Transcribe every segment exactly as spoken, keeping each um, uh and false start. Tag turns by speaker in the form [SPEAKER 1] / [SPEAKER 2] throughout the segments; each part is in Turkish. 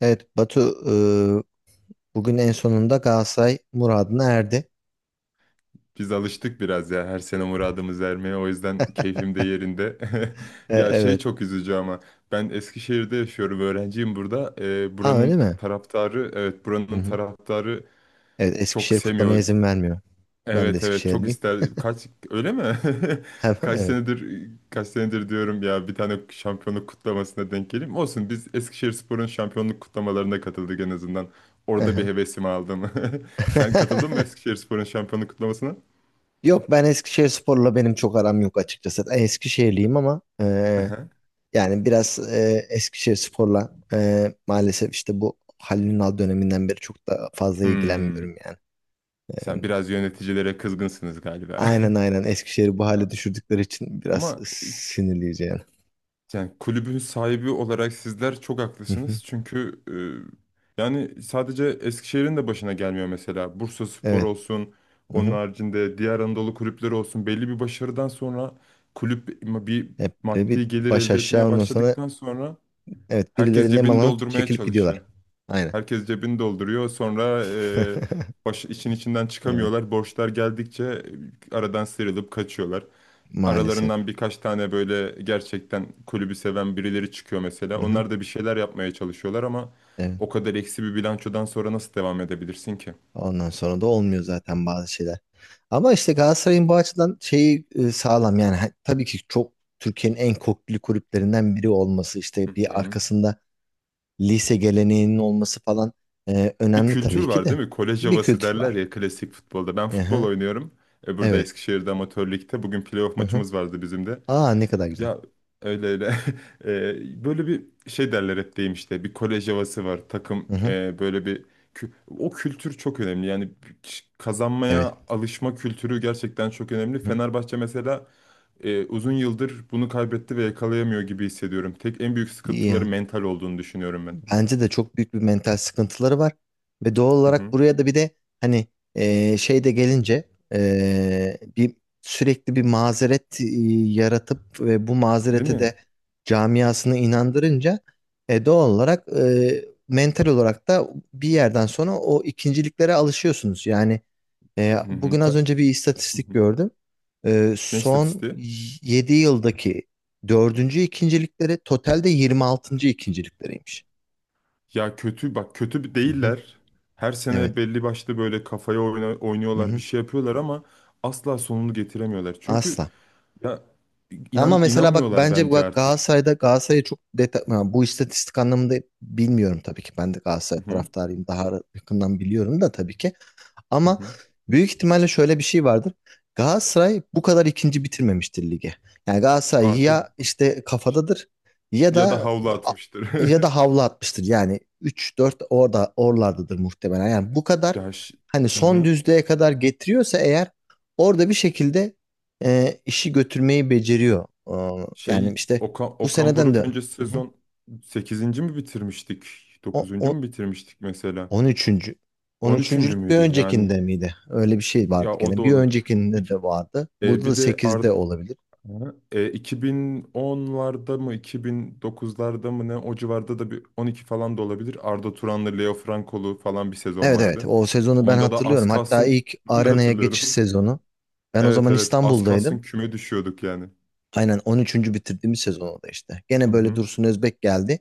[SPEAKER 1] Evet Batu, e, bugün en sonunda Galatasaray muradına erdi.
[SPEAKER 2] Biz alıştık biraz ya her sene muradımız ermeye o yüzden keyfim de yerinde.
[SPEAKER 1] E,
[SPEAKER 2] Ya şey
[SPEAKER 1] evet.
[SPEAKER 2] çok üzücü ama ben Eskişehir'de yaşıyorum, öğrenciyim burada. Ee,
[SPEAKER 1] Ha öyle
[SPEAKER 2] buranın
[SPEAKER 1] mi?
[SPEAKER 2] taraftarı, evet,
[SPEAKER 1] Hı
[SPEAKER 2] buranın
[SPEAKER 1] hı.
[SPEAKER 2] taraftarı
[SPEAKER 1] Evet,
[SPEAKER 2] çok
[SPEAKER 1] Eskişehir kutlamaya
[SPEAKER 2] sevmiyor.
[SPEAKER 1] izin vermiyor. Ben de
[SPEAKER 2] Evet, evet çok
[SPEAKER 1] Eskişehirliyim.
[SPEAKER 2] ister. Kaç, öyle mi? Kaç
[SPEAKER 1] Evet.
[SPEAKER 2] senedir kaç senedir diyorum ya bir tane şampiyonluk kutlamasına denk geleyim. Olsun, biz Eskişehirspor'un şampiyonluk kutlamalarına katıldık en azından. Orada bir
[SPEAKER 1] Aha.
[SPEAKER 2] hevesimi aldım. Sen katıldın mı Eskişehirspor'un şampiyonluk kutlamasına?
[SPEAKER 1] Yok, ben Eskişehir sporla benim çok aram yok açıkçası. Ben Eskişehirliyim ama e, yani biraz e, Eskişehir sporla e, maalesef işte bu Halil Ünal döneminden beri çok da fazla
[SPEAKER 2] Hmm.
[SPEAKER 1] ilgilenmiyorum yani.
[SPEAKER 2] Sen
[SPEAKER 1] E,
[SPEAKER 2] biraz yöneticilere kızgınsınız galiba.
[SPEAKER 1] aynen aynen Eskişehir'i bu hale düşürdükleri için biraz
[SPEAKER 2] Ama
[SPEAKER 1] sinirleyeceğim.
[SPEAKER 2] yani kulübün sahibi olarak sizler çok haklısınız. Çünkü e, yani sadece Eskişehir'in de başına gelmiyor mesela. Bursaspor
[SPEAKER 1] Evet.
[SPEAKER 2] olsun,
[SPEAKER 1] Hı
[SPEAKER 2] onun
[SPEAKER 1] hı.
[SPEAKER 2] haricinde diğer Anadolu kulüpleri olsun. Belli bir başarıdan sonra kulüp bir
[SPEAKER 1] Hep böyle bir
[SPEAKER 2] maddi gelir
[SPEAKER 1] baş
[SPEAKER 2] elde
[SPEAKER 1] aşağı,
[SPEAKER 2] etmeye
[SPEAKER 1] ondan sonra
[SPEAKER 2] başladıktan sonra
[SPEAKER 1] evet,
[SPEAKER 2] herkes
[SPEAKER 1] birileri
[SPEAKER 2] cebini
[SPEAKER 1] nemalanıp
[SPEAKER 2] doldurmaya
[SPEAKER 1] çekilip
[SPEAKER 2] çalışıyor.
[SPEAKER 1] gidiyorlar. Aynen.
[SPEAKER 2] Herkes cebini dolduruyor. Sonra e, baş, işin içinden
[SPEAKER 1] Evet.
[SPEAKER 2] çıkamıyorlar. Borçlar geldikçe e, aradan sıyrılıp kaçıyorlar.
[SPEAKER 1] Maalesef.
[SPEAKER 2] Aralarından birkaç tane böyle gerçekten kulübü seven birileri çıkıyor
[SPEAKER 1] Hı
[SPEAKER 2] mesela.
[SPEAKER 1] hı.
[SPEAKER 2] Onlar da bir şeyler yapmaya çalışıyorlar ama
[SPEAKER 1] Evet.
[SPEAKER 2] o kadar eksi bir bilançodan sonra nasıl devam edebilirsin ki?
[SPEAKER 1] Ondan sonra da olmuyor zaten bazı şeyler. Ama işte Galatasaray'ın bu açıdan şeyi e, sağlam yani. Ha- tabii ki çok, Türkiye'nin en köklü kulüplerinden biri olması, işte
[SPEAKER 2] Hı
[SPEAKER 1] bir
[SPEAKER 2] hı.
[SPEAKER 1] arkasında lise geleneğinin olması falan e,
[SPEAKER 2] Bir
[SPEAKER 1] önemli
[SPEAKER 2] kültür
[SPEAKER 1] tabii ki
[SPEAKER 2] var
[SPEAKER 1] de,
[SPEAKER 2] değil mi? Kolej
[SPEAKER 1] bir
[SPEAKER 2] havası
[SPEAKER 1] kültür
[SPEAKER 2] derler
[SPEAKER 1] var.
[SPEAKER 2] ya klasik futbolda. Ben futbol
[SPEAKER 1] Aha,
[SPEAKER 2] oynuyorum. E, burada
[SPEAKER 1] evet.
[SPEAKER 2] Eskişehir'de amatör ligde. Bugün playoff
[SPEAKER 1] Hı hı.
[SPEAKER 2] maçımız vardı bizim de.
[SPEAKER 1] Aa, ne kadar güzel.
[SPEAKER 2] Ya öyle öyle. Ee, böyle bir şey derler hep, deyim işte, bir kolej havası var takım,
[SPEAKER 1] Hı hı,
[SPEAKER 2] e, böyle bir kü- o kültür çok önemli yani,
[SPEAKER 1] evet.
[SPEAKER 2] kazanmaya alışma kültürü gerçekten çok önemli.
[SPEAKER 1] Hı.
[SPEAKER 2] Fenerbahçe mesela e, uzun yıldır bunu kaybetti ve yakalayamıyor gibi hissediyorum. Tek en büyük
[SPEAKER 1] İyi
[SPEAKER 2] sıkıntıları
[SPEAKER 1] ya.
[SPEAKER 2] mental olduğunu düşünüyorum ben.
[SPEAKER 1] Bence de çok büyük bir mental sıkıntıları var. Ve doğal
[SPEAKER 2] Hı
[SPEAKER 1] olarak
[SPEAKER 2] hı.
[SPEAKER 1] buraya da bir de hani e, şey de gelince, e, bir sürekli bir mazeret e, yaratıp ve bu
[SPEAKER 2] Değil
[SPEAKER 1] mazereti
[SPEAKER 2] mi?
[SPEAKER 1] de camiasını inandırınca e, doğal olarak e, mental olarak da bir yerden sonra o ikinciliklere alışıyorsunuz. Yani e,
[SPEAKER 2] Hı
[SPEAKER 1] bugün
[SPEAKER 2] hı.
[SPEAKER 1] az
[SPEAKER 2] Ta-
[SPEAKER 1] önce bir
[SPEAKER 2] hı
[SPEAKER 1] istatistik
[SPEAKER 2] hı.
[SPEAKER 1] gördüm. E,
[SPEAKER 2] Ne
[SPEAKER 1] son
[SPEAKER 2] istatistiği?
[SPEAKER 1] yedi yıldaki dördüncü ikincilikleri, totalde yirmi altıncı ikincilikleriymiş.
[SPEAKER 2] Ya kötü bak, kötü
[SPEAKER 1] Hı hı.
[SPEAKER 2] değiller. Her
[SPEAKER 1] Evet.
[SPEAKER 2] sene belli başlı böyle kafaya oyna-
[SPEAKER 1] Hı
[SPEAKER 2] oynuyorlar, bir
[SPEAKER 1] hı.
[SPEAKER 2] şey yapıyorlar ama asla sonunu getiremiyorlar. Çünkü
[SPEAKER 1] Asla.
[SPEAKER 2] ya
[SPEAKER 1] Ama
[SPEAKER 2] inan
[SPEAKER 1] mesela bak,
[SPEAKER 2] inanmıyorlar
[SPEAKER 1] bence
[SPEAKER 2] bence
[SPEAKER 1] bak
[SPEAKER 2] artık.
[SPEAKER 1] Galatasaray'da Galatasaray'ı çok detay yani, bu istatistik anlamında bilmiyorum tabii ki. Ben de Galatasaray
[SPEAKER 2] Hı hı.
[SPEAKER 1] taraftarıyım, daha yakından biliyorum da tabii ki.
[SPEAKER 2] Hı
[SPEAKER 1] Ama
[SPEAKER 2] hı.
[SPEAKER 1] büyük ihtimalle şöyle bir şey vardır. Galatasaray bu kadar ikinci bitirmemiştir lige. Yani Galatasaray
[SPEAKER 2] Aa tabii.
[SPEAKER 1] ya işte
[SPEAKER 2] Ş-
[SPEAKER 1] kafadadır, ya
[SPEAKER 2] Ya da
[SPEAKER 1] da
[SPEAKER 2] havlu atmıştır.
[SPEAKER 1] ya da havlu atmıştır. Yani üç dört orada oralardadır muhtemelen. Yani bu kadar
[SPEAKER 2] Ya ş-
[SPEAKER 1] hani
[SPEAKER 2] hı
[SPEAKER 1] son
[SPEAKER 2] hı.
[SPEAKER 1] düzlüğe kadar getiriyorsa eğer, orada bir şekilde e, işi götürmeyi beceriyor. E, yani
[SPEAKER 2] Şey
[SPEAKER 1] işte
[SPEAKER 2] Okan,
[SPEAKER 1] bu
[SPEAKER 2] Okan
[SPEAKER 1] seneden de.
[SPEAKER 2] Buruk öncesi
[SPEAKER 1] Hı hı.
[SPEAKER 2] sezon sekizinci mi bitirmiştik?
[SPEAKER 1] O,
[SPEAKER 2] Dokuzuncu
[SPEAKER 1] o-
[SPEAKER 2] mu bitirmiştik mesela?
[SPEAKER 1] On üçüncü, on
[SPEAKER 2] On üçüncü
[SPEAKER 1] üçüncülük bir
[SPEAKER 2] müydü yani?
[SPEAKER 1] öncekinde miydi? Öyle bir şey vardı
[SPEAKER 2] Ya o
[SPEAKER 1] gene.
[SPEAKER 2] da
[SPEAKER 1] Bir
[SPEAKER 2] olabilir.
[SPEAKER 1] öncekinde
[SPEAKER 2] Bir,
[SPEAKER 1] de vardı. Burada
[SPEAKER 2] e,
[SPEAKER 1] da
[SPEAKER 2] bir de Ar-
[SPEAKER 1] sekizde olabilir.
[SPEAKER 2] Hı. E, iki bin onlarda mı iki bin dokuzlarda mı, ne o civarda da bir on iki falan da olabilir. Arda Turan'lı Leo Frankolu falan bir sezon
[SPEAKER 1] Evet evet,
[SPEAKER 2] vardı.
[SPEAKER 1] o sezonu ben
[SPEAKER 2] Onda da az
[SPEAKER 1] hatırlıyorum. Hatta
[SPEAKER 2] kalsın
[SPEAKER 1] ilk
[SPEAKER 2] ben de
[SPEAKER 1] arenaya geçiş
[SPEAKER 2] hatırlıyorum.
[SPEAKER 1] sezonu. Ben o
[SPEAKER 2] Evet,
[SPEAKER 1] zaman
[SPEAKER 2] evet az kalsın
[SPEAKER 1] İstanbul'daydım.
[SPEAKER 2] küme düşüyorduk yani.
[SPEAKER 1] Aynen, on üçüncü bitirdiğimiz sezon oldu işte. Gene
[SPEAKER 2] Hı
[SPEAKER 1] böyle
[SPEAKER 2] hı.
[SPEAKER 1] Dursun Özbek geldi.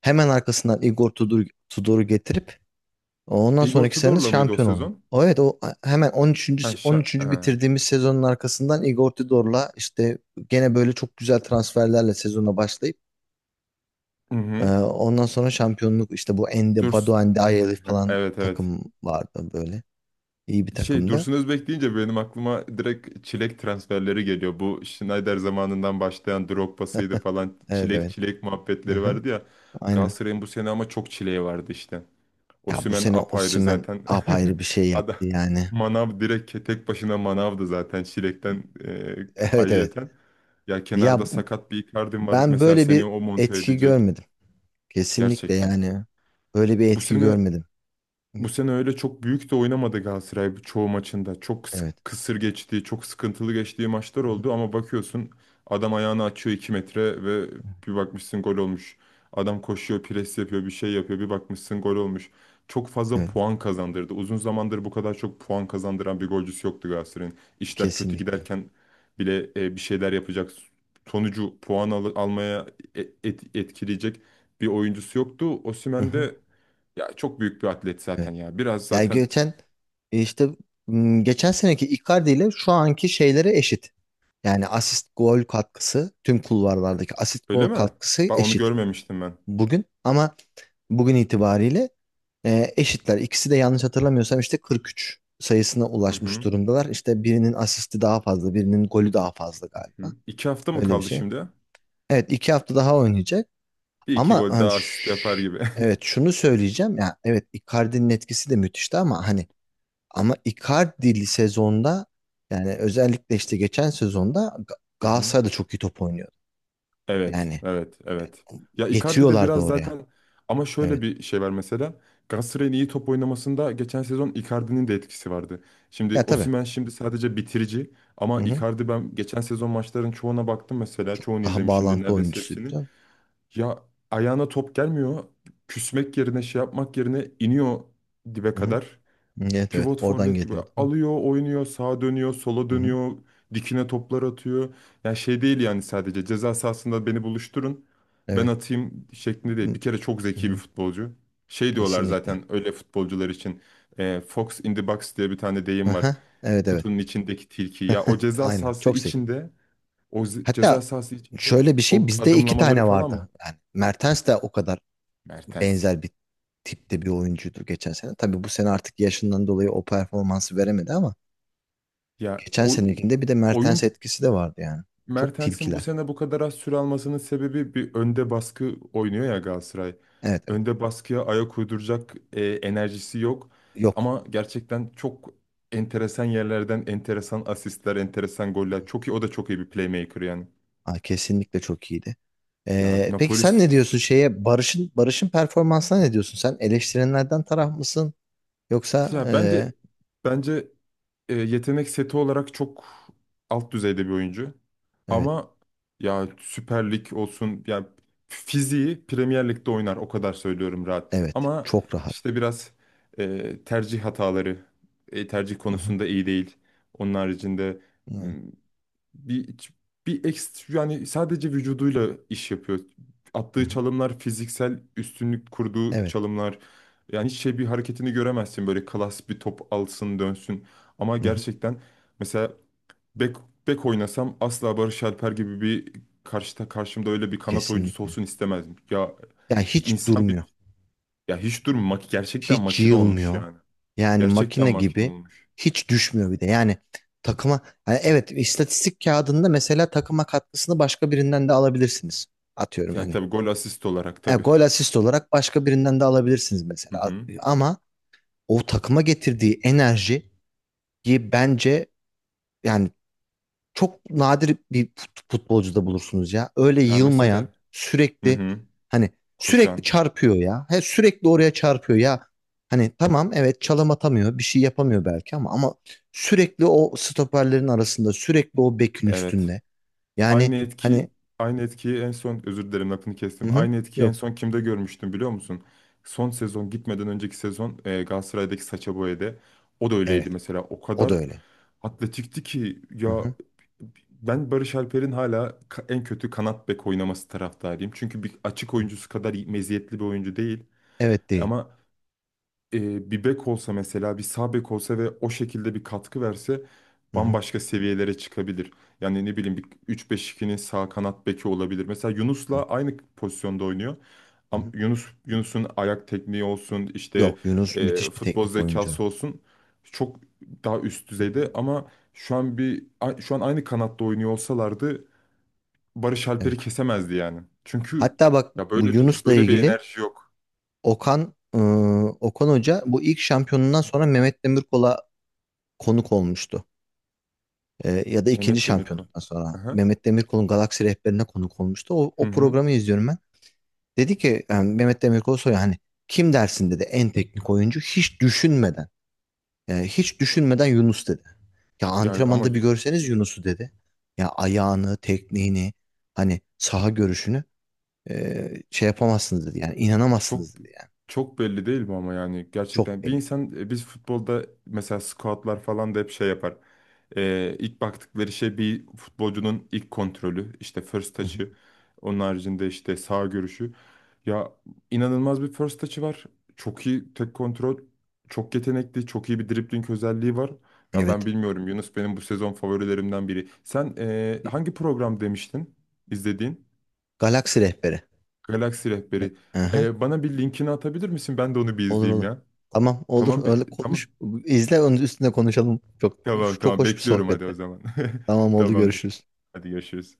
[SPEAKER 1] Hemen arkasından Igor Tudor, Tudor'u getirip ondan
[SPEAKER 2] Igor
[SPEAKER 1] sonraki sene
[SPEAKER 2] Tudor'la mıydı o
[SPEAKER 1] şampiyon oldu.
[SPEAKER 2] sezon?
[SPEAKER 1] O evet, o hemen on
[SPEAKER 2] Ha,
[SPEAKER 1] üçüncü on
[SPEAKER 2] şa
[SPEAKER 1] üçüncü
[SPEAKER 2] ha.
[SPEAKER 1] bitirdiğimiz sezonun arkasından Igor Tudor'la işte gene böyle çok güzel transferlerle sezona başlayıp,
[SPEAKER 2] Hı
[SPEAKER 1] Ee,
[SPEAKER 2] hı.
[SPEAKER 1] ondan sonra şampiyonluk. İşte bu Ende,
[SPEAKER 2] Durs-
[SPEAKER 1] Badu Ndiaye falan
[SPEAKER 2] Evet, evet.
[SPEAKER 1] takım vardı böyle. İyi bir
[SPEAKER 2] Şey
[SPEAKER 1] takımdı.
[SPEAKER 2] Dursun Özbek deyince benim aklıma direkt çilek transferleri geliyor. Bu Schneider zamanından başlayan Drogba'sıydı falan.
[SPEAKER 1] Evet
[SPEAKER 2] Çilek
[SPEAKER 1] evet.
[SPEAKER 2] çilek muhabbetleri
[SPEAKER 1] Hı-hı.
[SPEAKER 2] vardı ya.
[SPEAKER 1] Aynen.
[SPEAKER 2] Galatasaray'ın bu sene ama çok çileği vardı işte.
[SPEAKER 1] Ya bu
[SPEAKER 2] Osimhen
[SPEAKER 1] sene
[SPEAKER 2] apayrı
[SPEAKER 1] Osimhen
[SPEAKER 2] zaten.
[SPEAKER 1] apayrı bir şey
[SPEAKER 2] Ada
[SPEAKER 1] yaptı yani.
[SPEAKER 2] Manav direkt ke- tek başına Manav'dı zaten çilekten e,
[SPEAKER 1] Evet evet.
[SPEAKER 2] ayrıyeten. Ya kenarda
[SPEAKER 1] Ya bu,
[SPEAKER 2] sakat bir Icardi var
[SPEAKER 1] ben
[SPEAKER 2] mesela,
[SPEAKER 1] böyle
[SPEAKER 2] seni
[SPEAKER 1] bir
[SPEAKER 2] o monte
[SPEAKER 1] etki
[SPEAKER 2] edecek
[SPEAKER 1] görmedim. Kesinlikle
[SPEAKER 2] gerçekten.
[SPEAKER 1] yani. Böyle bir
[SPEAKER 2] Bu
[SPEAKER 1] etki
[SPEAKER 2] sene
[SPEAKER 1] görmedim.
[SPEAKER 2] bu sene öyle çok büyük de oynamadı Galatasaray çoğu maçında. Çok kıs-
[SPEAKER 1] Evet.
[SPEAKER 2] kısır geçtiği, çok sıkıntılı geçtiği maçlar
[SPEAKER 1] Hı-hı.
[SPEAKER 2] oldu ama bakıyorsun adam ayağını açıyor iki metre ve bir bakmışsın gol olmuş. Adam koşuyor, pres yapıyor, bir şey yapıyor, bir bakmışsın gol olmuş. Çok fazla
[SPEAKER 1] Evet.
[SPEAKER 2] puan kazandırdı. Uzun zamandır bu kadar çok puan kazandıran bir golcüsü yoktu Galatasaray'ın. İşler kötü
[SPEAKER 1] Kesinlikle.
[SPEAKER 2] giderken bile e, bir şeyler yapacak, sonucu puan al- almaya e- et- etkileyecek bir oyuncusu yoktu. Osimhen
[SPEAKER 1] Hı-hı.
[SPEAKER 2] de ya çok büyük bir atlet
[SPEAKER 1] Evet.
[SPEAKER 2] zaten ya. Biraz
[SPEAKER 1] Yani
[SPEAKER 2] zaten,
[SPEAKER 1] geçen işte m, geçen seneki Icardi ile şu anki şeylere eşit. Yani asist gol katkısı, tüm kulvarlardaki asist gol
[SPEAKER 2] öyle mi?
[SPEAKER 1] katkısı
[SPEAKER 2] Bak onu
[SPEAKER 1] eşit
[SPEAKER 2] görmemiştim ben.
[SPEAKER 1] bugün ama, bugün itibariyle e, eşitler. İkisi de yanlış hatırlamıyorsam işte kırk üç sayısına
[SPEAKER 2] Hı
[SPEAKER 1] ulaşmış
[SPEAKER 2] hı.
[SPEAKER 1] durumdalar. İşte birinin asisti daha fazla, birinin golü daha fazla
[SPEAKER 2] Hı.
[SPEAKER 1] galiba.
[SPEAKER 2] İki hafta mı
[SPEAKER 1] Öyle bir
[SPEAKER 2] kaldı
[SPEAKER 1] şey.
[SPEAKER 2] şimdi?
[SPEAKER 1] Evet, iki hafta daha oynayacak
[SPEAKER 2] Bir iki
[SPEAKER 1] ama
[SPEAKER 2] gol
[SPEAKER 1] hani,
[SPEAKER 2] daha asist yapar
[SPEAKER 1] ş-
[SPEAKER 2] gibi.
[SPEAKER 1] evet şunu söyleyeceğim ya, evet Icardi'nin etkisi de müthişti ama hani, ama Icardi sezonda, yani özellikle işte geçen sezonda Ga-
[SPEAKER 2] Hı hı.
[SPEAKER 1] Galatasaray da çok iyi top oynuyordu.
[SPEAKER 2] Evet,
[SPEAKER 1] Yani
[SPEAKER 2] evet, evet. Ya Icardi de
[SPEAKER 1] getiriyorlardı
[SPEAKER 2] biraz
[SPEAKER 1] oraya.
[SPEAKER 2] zaten, ama şöyle
[SPEAKER 1] Evet.
[SPEAKER 2] bir şey var mesela. Galatasaray'ın iyi top oynamasında geçen sezon Icardi'nin de etkisi vardı. Şimdi
[SPEAKER 1] Ya tabii.
[SPEAKER 2] Osimhen şimdi sadece bitirici,
[SPEAKER 1] Hı
[SPEAKER 2] ama
[SPEAKER 1] hı.
[SPEAKER 2] Icardi, ben geçen sezon maçların çoğuna baktım mesela. Çoğunu
[SPEAKER 1] Daha
[SPEAKER 2] izlemişimdir,
[SPEAKER 1] bağlantı
[SPEAKER 2] neredeyse
[SPEAKER 1] oyuncusuydu
[SPEAKER 2] hepsini.
[SPEAKER 1] canım.
[SPEAKER 2] Ya ayağına top gelmiyor. Küsmek yerine, şey yapmak yerine iniyor dibe
[SPEAKER 1] Hı hı.
[SPEAKER 2] kadar.
[SPEAKER 1] Evet evet.
[SPEAKER 2] Pivot
[SPEAKER 1] Oradan
[SPEAKER 2] forvet gibi
[SPEAKER 1] geliyordu. Ha.
[SPEAKER 2] alıyor, oynuyor, sağa dönüyor, sola
[SPEAKER 1] Hı hı.
[SPEAKER 2] dönüyor, dikine toplar atıyor. Yani şey değil yani, sadece ceza sahasında beni buluşturun, ben
[SPEAKER 1] Evet.
[SPEAKER 2] atayım şeklinde değil. Bir kere çok
[SPEAKER 1] Hı
[SPEAKER 2] zeki bir
[SPEAKER 1] hı.
[SPEAKER 2] futbolcu. Şey diyorlar
[SPEAKER 1] Kesinlikle.
[SPEAKER 2] zaten öyle futbolcular için. e, Fox in the box diye bir tane
[SPEAKER 1] Hı
[SPEAKER 2] deyim var.
[SPEAKER 1] hı. Evet evet.
[SPEAKER 2] Kutunun içindeki tilki. Ya o ceza
[SPEAKER 1] Aynen.
[SPEAKER 2] sahası
[SPEAKER 1] Çok zeki.
[SPEAKER 2] içinde, o ze- ceza
[SPEAKER 1] Hatta
[SPEAKER 2] sahası içinde
[SPEAKER 1] şöyle bir şey,
[SPEAKER 2] o
[SPEAKER 1] bizde iki
[SPEAKER 2] adımlamaları
[SPEAKER 1] tane
[SPEAKER 2] falan,
[SPEAKER 1] vardı. Yani Mertens de o kadar
[SPEAKER 2] Mertens.
[SPEAKER 1] benzer bir tipte bir oyuncuydu geçen sene. Tabii bu sene artık yaşından dolayı o performansı veremedi ama
[SPEAKER 2] Ya
[SPEAKER 1] geçen
[SPEAKER 2] o
[SPEAKER 1] senekinde bir de Mertens
[SPEAKER 2] oyun,
[SPEAKER 1] etkisi de vardı yani. Çok
[SPEAKER 2] Mertens'in bu
[SPEAKER 1] tilkiler.
[SPEAKER 2] sene bu kadar az süre almasının sebebi, bir önde baskı oynuyor ya Galatasaray.
[SPEAKER 1] Evet evet.
[SPEAKER 2] Önde baskıya ayak uyduracak e, enerjisi yok.
[SPEAKER 1] Yok.
[SPEAKER 2] Ama gerçekten çok enteresan yerlerden enteresan asistler, enteresan goller. Çok iyi, o da çok iyi bir playmaker yani.
[SPEAKER 1] Aa, kesinlikle çok iyiydi.
[SPEAKER 2] Ya
[SPEAKER 1] Ee, peki
[SPEAKER 2] Napoli
[SPEAKER 1] sen ne diyorsun şeye, Barış'ın Barış'ın performansına ne diyorsun? Sen eleştirenlerden taraf mısın? Yoksa
[SPEAKER 2] Ya bence,
[SPEAKER 1] ee,
[SPEAKER 2] bence e, yetenek seti olarak çok alt düzeyde bir oyuncu.
[SPEAKER 1] evet
[SPEAKER 2] Ama ya Süper Lig olsun yani, fiziği Premier Lig'de oynar o kadar, söylüyorum rahat.
[SPEAKER 1] evet,
[SPEAKER 2] Ama
[SPEAKER 1] çok rahat.
[SPEAKER 2] işte biraz e, tercih hataları, e, tercih
[SPEAKER 1] Hı hı,
[SPEAKER 2] konusunda iyi değil. Onun haricinde
[SPEAKER 1] evet.
[SPEAKER 2] bir bir ekstra yani, sadece vücuduyla iş yapıyor.
[SPEAKER 1] Hı
[SPEAKER 2] Attığı
[SPEAKER 1] hı,
[SPEAKER 2] çalımlar fiziksel üstünlük kurduğu
[SPEAKER 1] evet.
[SPEAKER 2] çalımlar. Yani hiç şey bir hareketini göremezsin, böyle klas bir, top alsın dönsün. Ama
[SPEAKER 1] Hı hı,
[SPEAKER 2] gerçekten mesela bek bek oynasam asla Barış Alper gibi bir karşıda karşımda öyle bir kanat oyuncusu
[SPEAKER 1] kesinlikle.
[SPEAKER 2] olsun istemezdim. Ya
[SPEAKER 1] Ya hiç
[SPEAKER 2] insan bir,
[SPEAKER 1] durmuyor.
[SPEAKER 2] ya hiç durma mak- gerçekten
[SPEAKER 1] Hiç
[SPEAKER 2] makine olmuş
[SPEAKER 1] yılmıyor.
[SPEAKER 2] yani.
[SPEAKER 1] Yani
[SPEAKER 2] Gerçekten
[SPEAKER 1] makine
[SPEAKER 2] makine
[SPEAKER 1] gibi,
[SPEAKER 2] olmuş.
[SPEAKER 1] hiç düşmüyor bir de. Yani takıma, yani evet, istatistik kağıdında mesela takıma katkısını başka birinden de alabilirsiniz. Atıyorum
[SPEAKER 2] Yani
[SPEAKER 1] hani,
[SPEAKER 2] tabii gol asist olarak
[SPEAKER 1] E,
[SPEAKER 2] tabii.
[SPEAKER 1] gol asist olarak başka birinden de alabilirsiniz
[SPEAKER 2] Hı
[SPEAKER 1] mesela.
[SPEAKER 2] hı.
[SPEAKER 1] Ama o takıma getirdiği enerjiyi bence yani çok nadir bir fut- futbolcuda bulursunuz ya. Öyle
[SPEAKER 2] Ya
[SPEAKER 1] yılmayan,
[SPEAKER 2] mesela hı
[SPEAKER 1] sürekli
[SPEAKER 2] hı.
[SPEAKER 1] hani sürekli
[SPEAKER 2] Koşan.
[SPEAKER 1] çarpıyor ya. He, sürekli oraya çarpıyor ya. Hani tamam, evet çalım atamıyor, bir şey yapamıyor belki ama, ama sürekli o stoperlerin arasında, sürekli o bekin
[SPEAKER 2] Evet.
[SPEAKER 1] üstünde. Yani
[SPEAKER 2] Aynı
[SPEAKER 1] hani,
[SPEAKER 2] etki Aynı etkiyi en son, özür dilerim lafını kestim.
[SPEAKER 1] hı hı,
[SPEAKER 2] Aynı etkiyi en
[SPEAKER 1] yok,
[SPEAKER 2] son kimde görmüştüm biliyor musun? Son sezon gitmeden önceki sezon e, Galatasaray'daki Sacha Boey'de, o da
[SPEAKER 1] evet
[SPEAKER 2] öyleydi mesela. O
[SPEAKER 1] o da
[SPEAKER 2] kadar
[SPEAKER 1] öyle.
[SPEAKER 2] atletikti ki
[SPEAKER 1] Hı
[SPEAKER 2] ya,
[SPEAKER 1] hı,
[SPEAKER 2] ben Barış Alper'in hala ka- en kötü kanat bek oynaması taraftarıyım. Çünkü bir açık
[SPEAKER 1] hı.
[SPEAKER 2] oyuncusu kadar iyi- meziyetli bir oyuncu değil
[SPEAKER 1] Evet değil.
[SPEAKER 2] ama e, bir bek olsa mesela, bir sağ bek olsa ve o şekilde bir katkı verse
[SPEAKER 1] Hı hı,
[SPEAKER 2] bambaşka seviyelere çıkabilir. Yani ne bileyim, bir üç beş ikinin sağ kanat beki olabilir. Mesela Yunus'la
[SPEAKER 1] evet.
[SPEAKER 2] aynı pozisyonda oynuyor.
[SPEAKER 1] Hı
[SPEAKER 2] Ama
[SPEAKER 1] hı.
[SPEAKER 2] Yunus, Yunus'un ayak tekniği olsun, işte
[SPEAKER 1] Yok Yunus
[SPEAKER 2] e,
[SPEAKER 1] müthiş bir
[SPEAKER 2] futbol
[SPEAKER 1] teknik oyuncu.
[SPEAKER 2] zekası olsun çok daha üst
[SPEAKER 1] Hı hı.
[SPEAKER 2] düzeyde, ama şu an bir a- şu an aynı kanatta oynuyor olsalardı Barış Alper'i
[SPEAKER 1] Evet.
[SPEAKER 2] kesemezdi yani. Çünkü
[SPEAKER 1] Hatta bak,
[SPEAKER 2] ya
[SPEAKER 1] bu
[SPEAKER 2] böyle bir
[SPEAKER 1] Yunus'la
[SPEAKER 2] böyle bir
[SPEAKER 1] ilgili
[SPEAKER 2] enerji yok.
[SPEAKER 1] Okan, ıı, Okan Hoca bu ilk şampiyonundan sonra Mehmet Demirkol'a konuk olmuştu. Ee, ya da ikinci
[SPEAKER 2] Mehmet Demirkol.
[SPEAKER 1] şampiyonundan sonra
[SPEAKER 2] Aha.
[SPEAKER 1] Mehmet Demirkol'un Galaksi Rehberi'ne konuk olmuştu. O,
[SPEAKER 2] Hı
[SPEAKER 1] o
[SPEAKER 2] hı.
[SPEAKER 1] programı izliyorum ben. Dedi ki, yani Mehmet Demirkol soruyor hani, kim dersin dedi en teknik oyuncu hiç düşünmeden. Yani hiç düşünmeden Yunus dedi. Ya
[SPEAKER 2] Yani ama
[SPEAKER 1] antrenmanda bir görseniz Yunus'u dedi. Ya ayağını, tekniğini, hani saha görüşünü. E, şey yapamazsınız dedi. Yani
[SPEAKER 2] çok
[SPEAKER 1] inanamazsınız dedi yani.
[SPEAKER 2] çok belli değil mi ama, yani
[SPEAKER 1] Çok
[SPEAKER 2] gerçekten bir
[SPEAKER 1] belli.
[SPEAKER 2] insan, e, biz futbolda mesela scoutlar falan da hep şey yapar. Ee, ilk baktıkları şey bir futbolcunun ilk kontrolü, işte first
[SPEAKER 1] Hı hı.
[SPEAKER 2] touch'ı, onun haricinde işte sağ görüşü. Ya inanılmaz bir first touch'ı var. Çok iyi tek kontrol, çok yetenekli, çok iyi bir dribbling özelliği var. Ya ben
[SPEAKER 1] Evet.
[SPEAKER 2] bilmiyorum, Yunus benim bu sezon favorilerimden biri. Sen e, hangi program demiştin izlediğin?
[SPEAKER 1] Galaksi rehberi.
[SPEAKER 2] Galaksi
[SPEAKER 1] Ne?
[SPEAKER 2] Rehberi.
[SPEAKER 1] Aha.
[SPEAKER 2] Ee, bana bir linkini atabilir misin? Ben de onu bir
[SPEAKER 1] Olur
[SPEAKER 2] izleyeyim
[SPEAKER 1] olur.
[SPEAKER 2] ya.
[SPEAKER 1] Tamam, olur
[SPEAKER 2] Tamam,
[SPEAKER 1] öyle
[SPEAKER 2] be- tamam.
[SPEAKER 1] konuş. İzle, onun üstüne konuşalım. Çok
[SPEAKER 2] Tamam,
[SPEAKER 1] çok
[SPEAKER 2] tamam.
[SPEAKER 1] hoş bir
[SPEAKER 2] Bekliyorum, hadi o
[SPEAKER 1] sohbetti.
[SPEAKER 2] zaman.
[SPEAKER 1] Tamam, oldu,
[SPEAKER 2] Tamamdır.
[SPEAKER 1] görüşürüz.
[SPEAKER 2] Hadi görüşürüz.